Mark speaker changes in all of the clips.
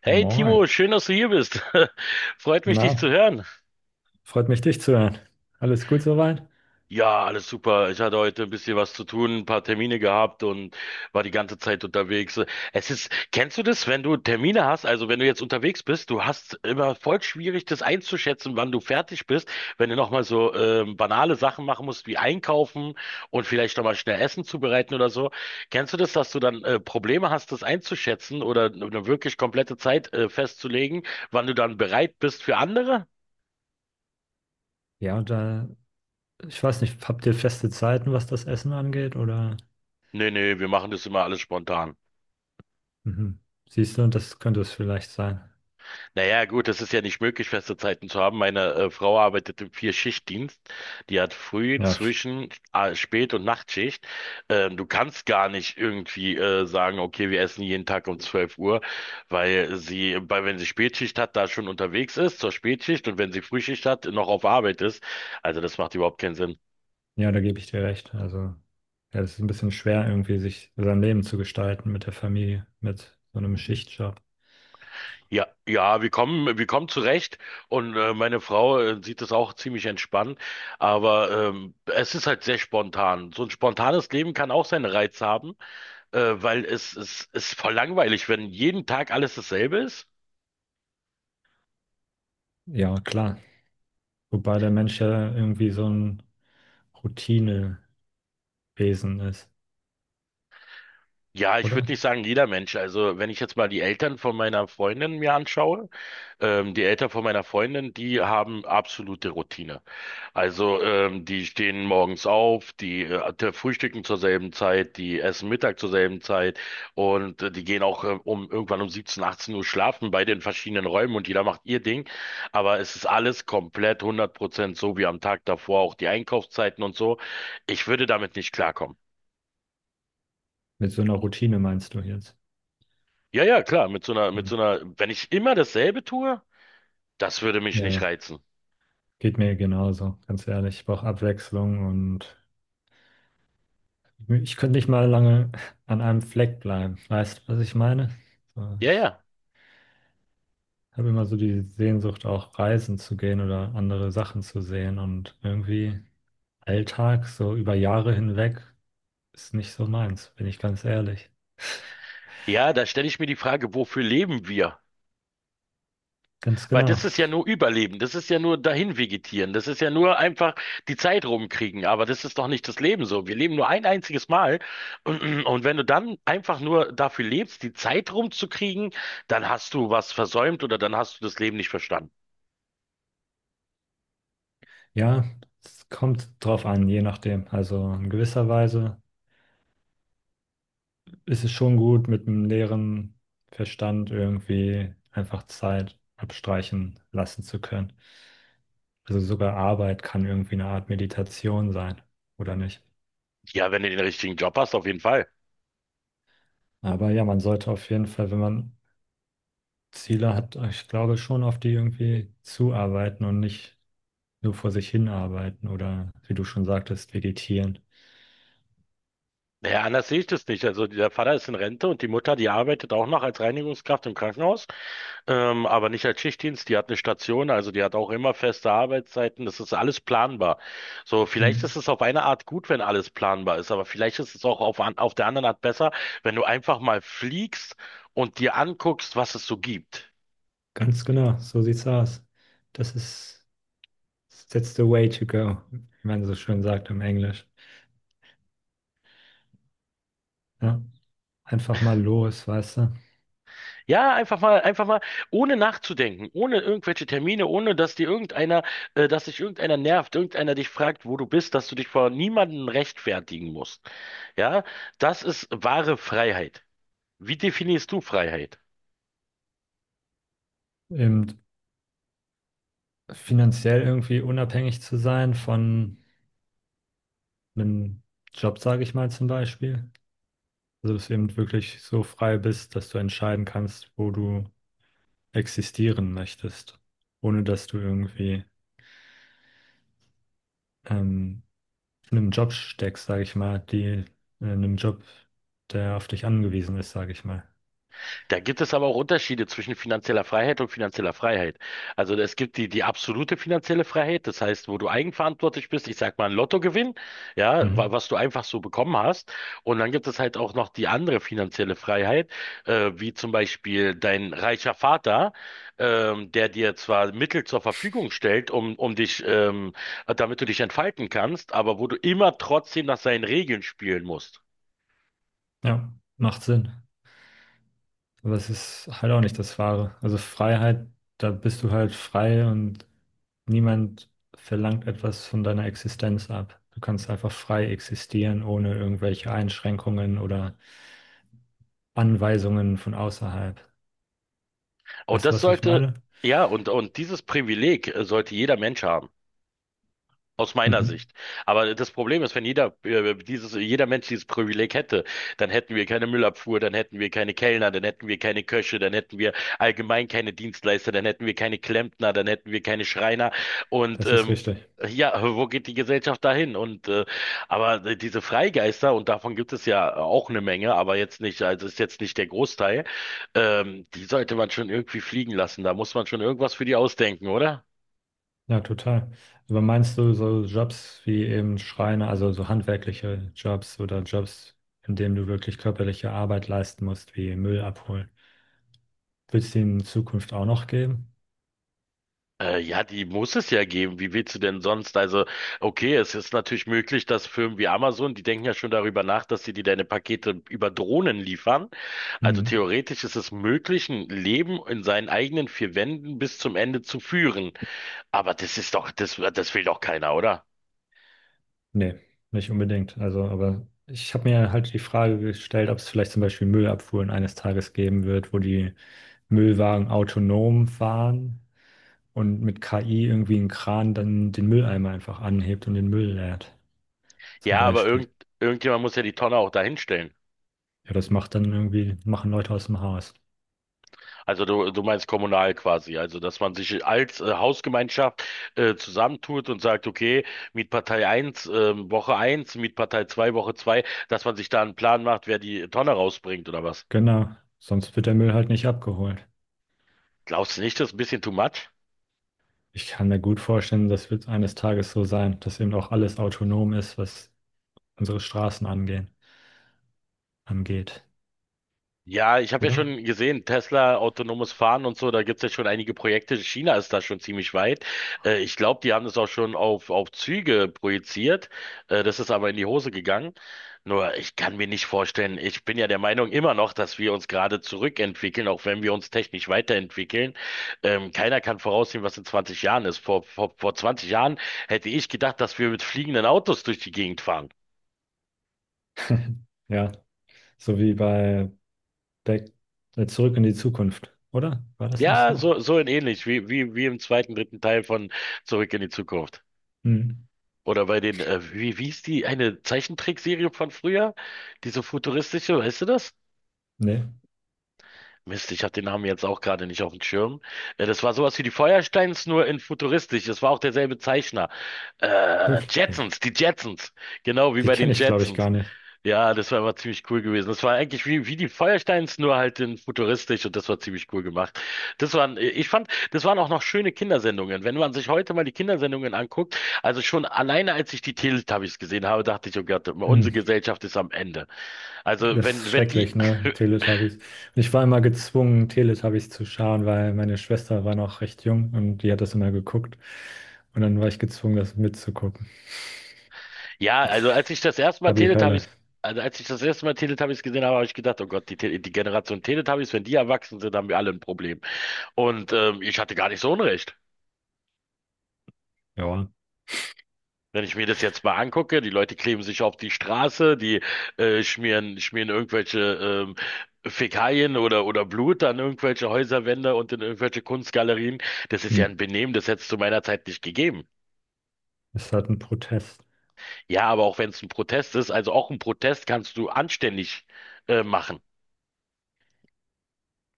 Speaker 1: Hey Timo,
Speaker 2: Moin.
Speaker 1: schön, dass du hier bist. Freut mich, dich zu
Speaker 2: Na,
Speaker 1: hören.
Speaker 2: freut mich, dich zu hören. Alles gut soweit?
Speaker 1: Ja, alles super. Ich hatte heute ein bisschen was zu tun, ein paar Termine gehabt und war die ganze Zeit unterwegs. Es ist, kennst du das, wenn du Termine hast, also wenn du jetzt unterwegs bist, du hast immer voll schwierig, das einzuschätzen, wann du fertig bist, wenn du nochmal so banale Sachen machen musst, wie einkaufen und vielleicht nochmal schnell Essen zubereiten oder so. Kennst du das, dass du dann Probleme hast, das einzuschätzen oder eine wirklich komplette Zeit festzulegen, wann du dann bereit bist für andere?
Speaker 2: Ja, und da, ich weiß nicht, habt ihr feste Zeiten, was das Essen angeht? Oder
Speaker 1: Nee, nee, wir machen das immer alles spontan.
Speaker 2: mhm. Siehst du, das könnte es vielleicht sein.
Speaker 1: Naja, gut, es ist ja nicht möglich, feste Zeiten zu haben. Meine Frau arbeitet im Vier-Schicht-Dienst. Die hat früh,
Speaker 2: Ja,
Speaker 1: zwischen, Spät- und Nachtschicht. Du kannst gar nicht irgendwie sagen, okay, wir essen jeden Tag um 12 Uhr, weil wenn sie Spätschicht hat, da schon unterwegs ist zur Spätschicht und wenn sie Frühschicht hat, noch auf Arbeit ist. Also das macht überhaupt keinen Sinn.
Speaker 2: ja, da gebe ich dir recht. Also, ja, es ist ein bisschen schwer, irgendwie sich sein Leben zu gestalten mit der Familie, mit so einem Schichtjob.
Speaker 1: Ja, ja, wir kommen zurecht und meine Frau sieht das auch ziemlich entspannt, aber es ist halt sehr spontan. So ein spontanes Leben kann auch seinen Reiz haben, weil es ist voll langweilig, wenn jeden Tag alles dasselbe ist.
Speaker 2: Ja, klar. Wobei der Mensch ja irgendwie so ein Routinewesen ist,
Speaker 1: Ja, ich
Speaker 2: oder?
Speaker 1: würde nicht sagen jeder Mensch. Also wenn ich jetzt mal die Eltern von meiner Freundin mir anschaue, die Eltern von meiner Freundin, die haben absolute Routine. Also, die stehen morgens auf, die frühstücken zur selben Zeit, die essen Mittag zur selben Zeit und die gehen auch um irgendwann um 17, 18 Uhr schlafen bei den verschiedenen Räumen und jeder macht ihr Ding. Aber es ist alles komplett 100% so wie am Tag davor, auch die Einkaufszeiten und so. Ich würde damit nicht klarkommen.
Speaker 2: Mit so einer Routine meinst du jetzt?
Speaker 1: Ja, ja, klar,
Speaker 2: Hm.
Speaker 1: wenn ich immer dasselbe tue, das würde mich nicht
Speaker 2: Ja,
Speaker 1: reizen.
Speaker 2: geht mir genauso, ganz ehrlich. Ich brauche Abwechslung, und ich könnte nicht mal lange an einem Fleck bleiben. Weißt du, was ich meine? So,
Speaker 1: Ja,
Speaker 2: ich
Speaker 1: ja.
Speaker 2: habe immer so die Sehnsucht, auch reisen zu gehen oder andere Sachen zu sehen. Und irgendwie Alltag, so über Jahre hinweg, ist nicht so meins, bin ich ganz ehrlich.
Speaker 1: Ja, da stelle ich mir die Frage, wofür leben wir?
Speaker 2: Ganz
Speaker 1: Weil
Speaker 2: genau.
Speaker 1: das ist ja nur Überleben, das ist ja nur dahin vegetieren, das ist ja nur einfach die Zeit rumkriegen, aber das ist doch nicht das Leben so. Wir leben nur ein einziges Mal und wenn du dann einfach nur dafür lebst, die Zeit rumzukriegen, dann hast du was versäumt oder dann hast du das Leben nicht verstanden.
Speaker 2: Ja, es kommt drauf an, je nachdem. Also in gewisser Weise ist es schon gut, mit einem leeren Verstand irgendwie einfach Zeit abstreichen lassen zu können. Also sogar Arbeit kann irgendwie eine Art Meditation sein, oder nicht?
Speaker 1: Ja, wenn du den richtigen Job hast, auf jeden Fall.
Speaker 2: Aber ja, man sollte auf jeden Fall, wenn man Ziele hat, ich glaube schon, auf die irgendwie zuarbeiten und nicht nur vor sich hinarbeiten oder, wie du schon sagtest, vegetieren.
Speaker 1: Naja, anders sehe ich das nicht. Also der Vater ist in Rente und die Mutter, die arbeitet auch noch als Reinigungskraft im Krankenhaus, aber nicht als Schichtdienst. Die hat eine Station, also die hat auch immer feste Arbeitszeiten. Das ist alles planbar. So, vielleicht
Speaker 2: Hm.
Speaker 1: ist es auf eine Art gut, wenn alles planbar ist, aber vielleicht ist es auch auf der anderen Art besser, wenn du einfach mal fliegst und dir anguckst, was es so gibt.
Speaker 2: Ganz genau, so sieht's aus. Das ist, that's the way to go, wie man so schön sagt im Englisch. Ja, einfach mal los, weißt du?
Speaker 1: Ja, einfach mal, ohne nachzudenken, ohne irgendwelche Termine, ohne dass dir irgendeiner, dass dich irgendeiner nervt, irgendeiner dich fragt, wo du bist, dass du dich vor niemandem rechtfertigen musst. Ja, das ist wahre Freiheit. Wie definierst du Freiheit?
Speaker 2: Eben finanziell irgendwie unabhängig zu sein von einem Job, sage ich mal, zum Beispiel. Also dass du eben wirklich so frei bist, dass du entscheiden kannst, wo du existieren möchtest, ohne dass du irgendwie ähm, in einem Job steckst, sage ich mal, die in einem Job, der auf dich angewiesen ist, sage ich mal.
Speaker 1: Da gibt es aber auch Unterschiede zwischen finanzieller Freiheit und finanzieller Freiheit. Also es gibt die absolute finanzielle Freiheit, das heißt, wo du eigenverantwortlich bist, ich sag mal ein Lottogewinn, ja,
Speaker 2: Mhm.
Speaker 1: was du einfach so bekommen hast. Und dann gibt es halt auch noch die andere finanzielle Freiheit, wie zum Beispiel dein reicher Vater, der dir zwar Mittel zur Verfügung stellt, um dich, damit du dich entfalten kannst, aber wo du immer trotzdem nach seinen Regeln spielen musst.
Speaker 2: Ja, macht Sinn. Aber es ist halt auch nicht das Wahre. Also Freiheit, da bist du halt frei und niemand verlangt etwas von deiner Existenz ab. Du kannst einfach frei existieren, ohne irgendwelche Einschränkungen oder Anweisungen von außerhalb.
Speaker 1: Und
Speaker 2: Weißt du,
Speaker 1: das
Speaker 2: was ich
Speaker 1: sollte,
Speaker 2: meine?
Speaker 1: ja, und dieses Privileg sollte jeder Mensch haben. Aus meiner
Speaker 2: Mhm.
Speaker 1: Sicht. Aber das Problem ist, wenn jeder, dieses, jeder Mensch dieses Privileg hätte, dann hätten wir keine Müllabfuhr, dann hätten wir keine Kellner, dann hätten wir keine Köche, dann hätten wir allgemein keine Dienstleister, dann hätten wir keine Klempner, dann hätten wir keine Schreiner. Und
Speaker 2: Das ist
Speaker 1: ähm,
Speaker 2: richtig.
Speaker 1: ja, wo geht die Gesellschaft dahin? Aber diese Freigeister, und davon gibt es ja auch eine Menge, aber jetzt nicht, also ist jetzt nicht der Großteil, die sollte man schon irgendwie fliegen lassen. Da muss man schon irgendwas für die ausdenken, oder?
Speaker 2: Ja, total. Aber meinst du so Jobs wie eben Schreiner, also so handwerkliche Jobs oder Jobs, in denen du wirklich körperliche Arbeit leisten musst, wie Müll abholen, wird es die in Zukunft auch noch geben?
Speaker 1: Ja, die muss es ja geben. Wie willst du denn sonst? Also, okay, es ist natürlich möglich, dass Firmen wie Amazon, die denken ja schon darüber nach, dass sie dir deine Pakete über Drohnen liefern. Also
Speaker 2: Mhm.
Speaker 1: theoretisch ist es möglich, ein Leben in seinen eigenen vier Wänden bis zum Ende zu führen. Aber das ist doch, das will doch keiner, oder?
Speaker 2: Nee, nicht unbedingt. Also, aber ich habe mir halt die Frage gestellt, ob es vielleicht zum Beispiel Müllabfuhren eines Tages geben wird, wo die Müllwagen autonom fahren und mit KI irgendwie ein Kran dann den Mülleimer einfach anhebt und den Müll leert, zum
Speaker 1: Ja,
Speaker 2: Beispiel.
Speaker 1: irgendjemand muss ja die Tonne auch dahinstellen.
Speaker 2: Ja, das macht dann irgendwie, machen Leute aus dem Haus.
Speaker 1: Also du meinst kommunal quasi, also dass man sich als Hausgemeinschaft zusammentut und sagt, okay, Mietpartei 1 Woche 1, Mietpartei 2 Woche 2, dass man sich da einen Plan macht, wer die Tonne rausbringt oder was?
Speaker 2: Genau, sonst wird der Müll halt nicht abgeholt.
Speaker 1: Glaubst du nicht, das ist ein bisschen too much?
Speaker 2: Ich kann mir gut vorstellen, das wird eines Tages so sein, dass eben auch alles autonom ist, was unsere Straßen angeht,
Speaker 1: Ja, ich habe ja
Speaker 2: oder?
Speaker 1: schon gesehen, Tesla, autonomes Fahren und so, da gibt's ja schon einige Projekte. China ist da schon ziemlich weit. Ich glaube, die haben das auch schon auf Züge projiziert. Das ist aber in die Hose gegangen. Nur, ich kann mir nicht vorstellen, ich bin ja der Meinung immer noch, dass wir uns gerade zurückentwickeln, auch wenn wir uns technisch weiterentwickeln. Keiner kann voraussehen, was in 20 Jahren ist. Vor 20 Jahren hätte ich gedacht, dass wir mit fliegenden Autos durch die Gegend fahren.
Speaker 2: Ja, so wie bei Back, Zurück in die Zukunft, oder? War das nicht
Speaker 1: Ja,
Speaker 2: so?
Speaker 1: so in ähnlich, wie im dritten Teil von Zurück in die Zukunft.
Speaker 2: Hm.
Speaker 1: Oder bei den, wie hieß die, eine Zeichentrickserie von früher? Diese futuristische, weißt du das?
Speaker 2: Nee,
Speaker 1: Mist, ich habe den Namen jetzt auch gerade nicht auf dem Schirm. Das war sowas wie die Feuersteins, nur in futuristisch. Das war auch derselbe Zeichner. Äh,
Speaker 2: wirklich nicht.
Speaker 1: Jetsons, die Jetsons. Genau wie
Speaker 2: Die
Speaker 1: bei den
Speaker 2: kenne ich, glaube ich,
Speaker 1: Jetsons.
Speaker 2: gar nicht.
Speaker 1: Ja, das war immer ziemlich cool gewesen. Das war eigentlich wie die Feuersteins, nur halt in futuristisch und das war ziemlich cool gemacht. Das waren, ich fand, das waren auch noch schöne Kindersendungen. Wenn man sich heute mal die Kindersendungen anguckt, also schon alleine als ich die Teletubbies gesehen habe, dachte ich, oh Gott, unsere
Speaker 2: Hm.
Speaker 1: Gesellschaft ist am Ende. Also
Speaker 2: Das ist
Speaker 1: wenn, wenn die,
Speaker 2: schrecklich, ne? Teletubbies. Und ich war immer gezwungen, Teletubbies zu schauen, weil meine Schwester war noch recht jung und die hat das immer geguckt. Und dann war ich gezwungen, das mitzugucken.
Speaker 1: ja, also als ich das erste Mal
Speaker 2: War die Hölle.
Speaker 1: Teletubbies Also als ich das erste Mal Teletubbies gesehen habe, habe ich gedacht, oh Gott, die Generation Teletubbies, wenn die erwachsen sind, haben wir alle ein Problem. Und ich hatte gar nicht so Unrecht.
Speaker 2: Ja.
Speaker 1: Wenn ich mir das jetzt mal angucke, die Leute kleben sich auf die Straße, die schmieren irgendwelche ähm, Fäkalien oder Blut an irgendwelche Häuserwände und in irgendwelche Kunstgalerien. Das ist
Speaker 2: Hm.
Speaker 1: ja ein Benehmen, das hätte es zu meiner Zeit nicht gegeben.
Speaker 2: Ist halt ein Protest.
Speaker 1: Ja, aber auch wenn es ein Protest ist, also auch ein Protest kannst du anständig machen.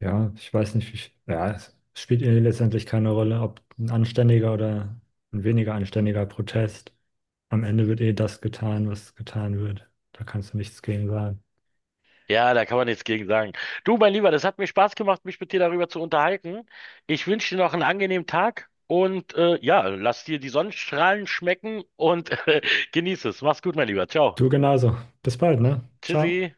Speaker 2: Ja, ich weiß nicht, wie, ja, es spielt ihnen letztendlich keine Rolle, ob ein anständiger oder ein weniger anständiger Protest. Am Ende wird eh das getan, was getan wird. Da kannst du nichts gegen sagen.
Speaker 1: Ja, da kann man nichts gegen sagen. Du, mein Lieber, das hat mir Spaß gemacht, mich mit dir darüber zu unterhalten. Ich wünsche dir noch einen angenehmen Tag und ja, lass dir die Sonnenstrahlen schmecken und genieß es. Mach's gut, mein Lieber. Ciao.
Speaker 2: Du genauso. Bis bald, ne? Ciao.
Speaker 1: Tschüssi.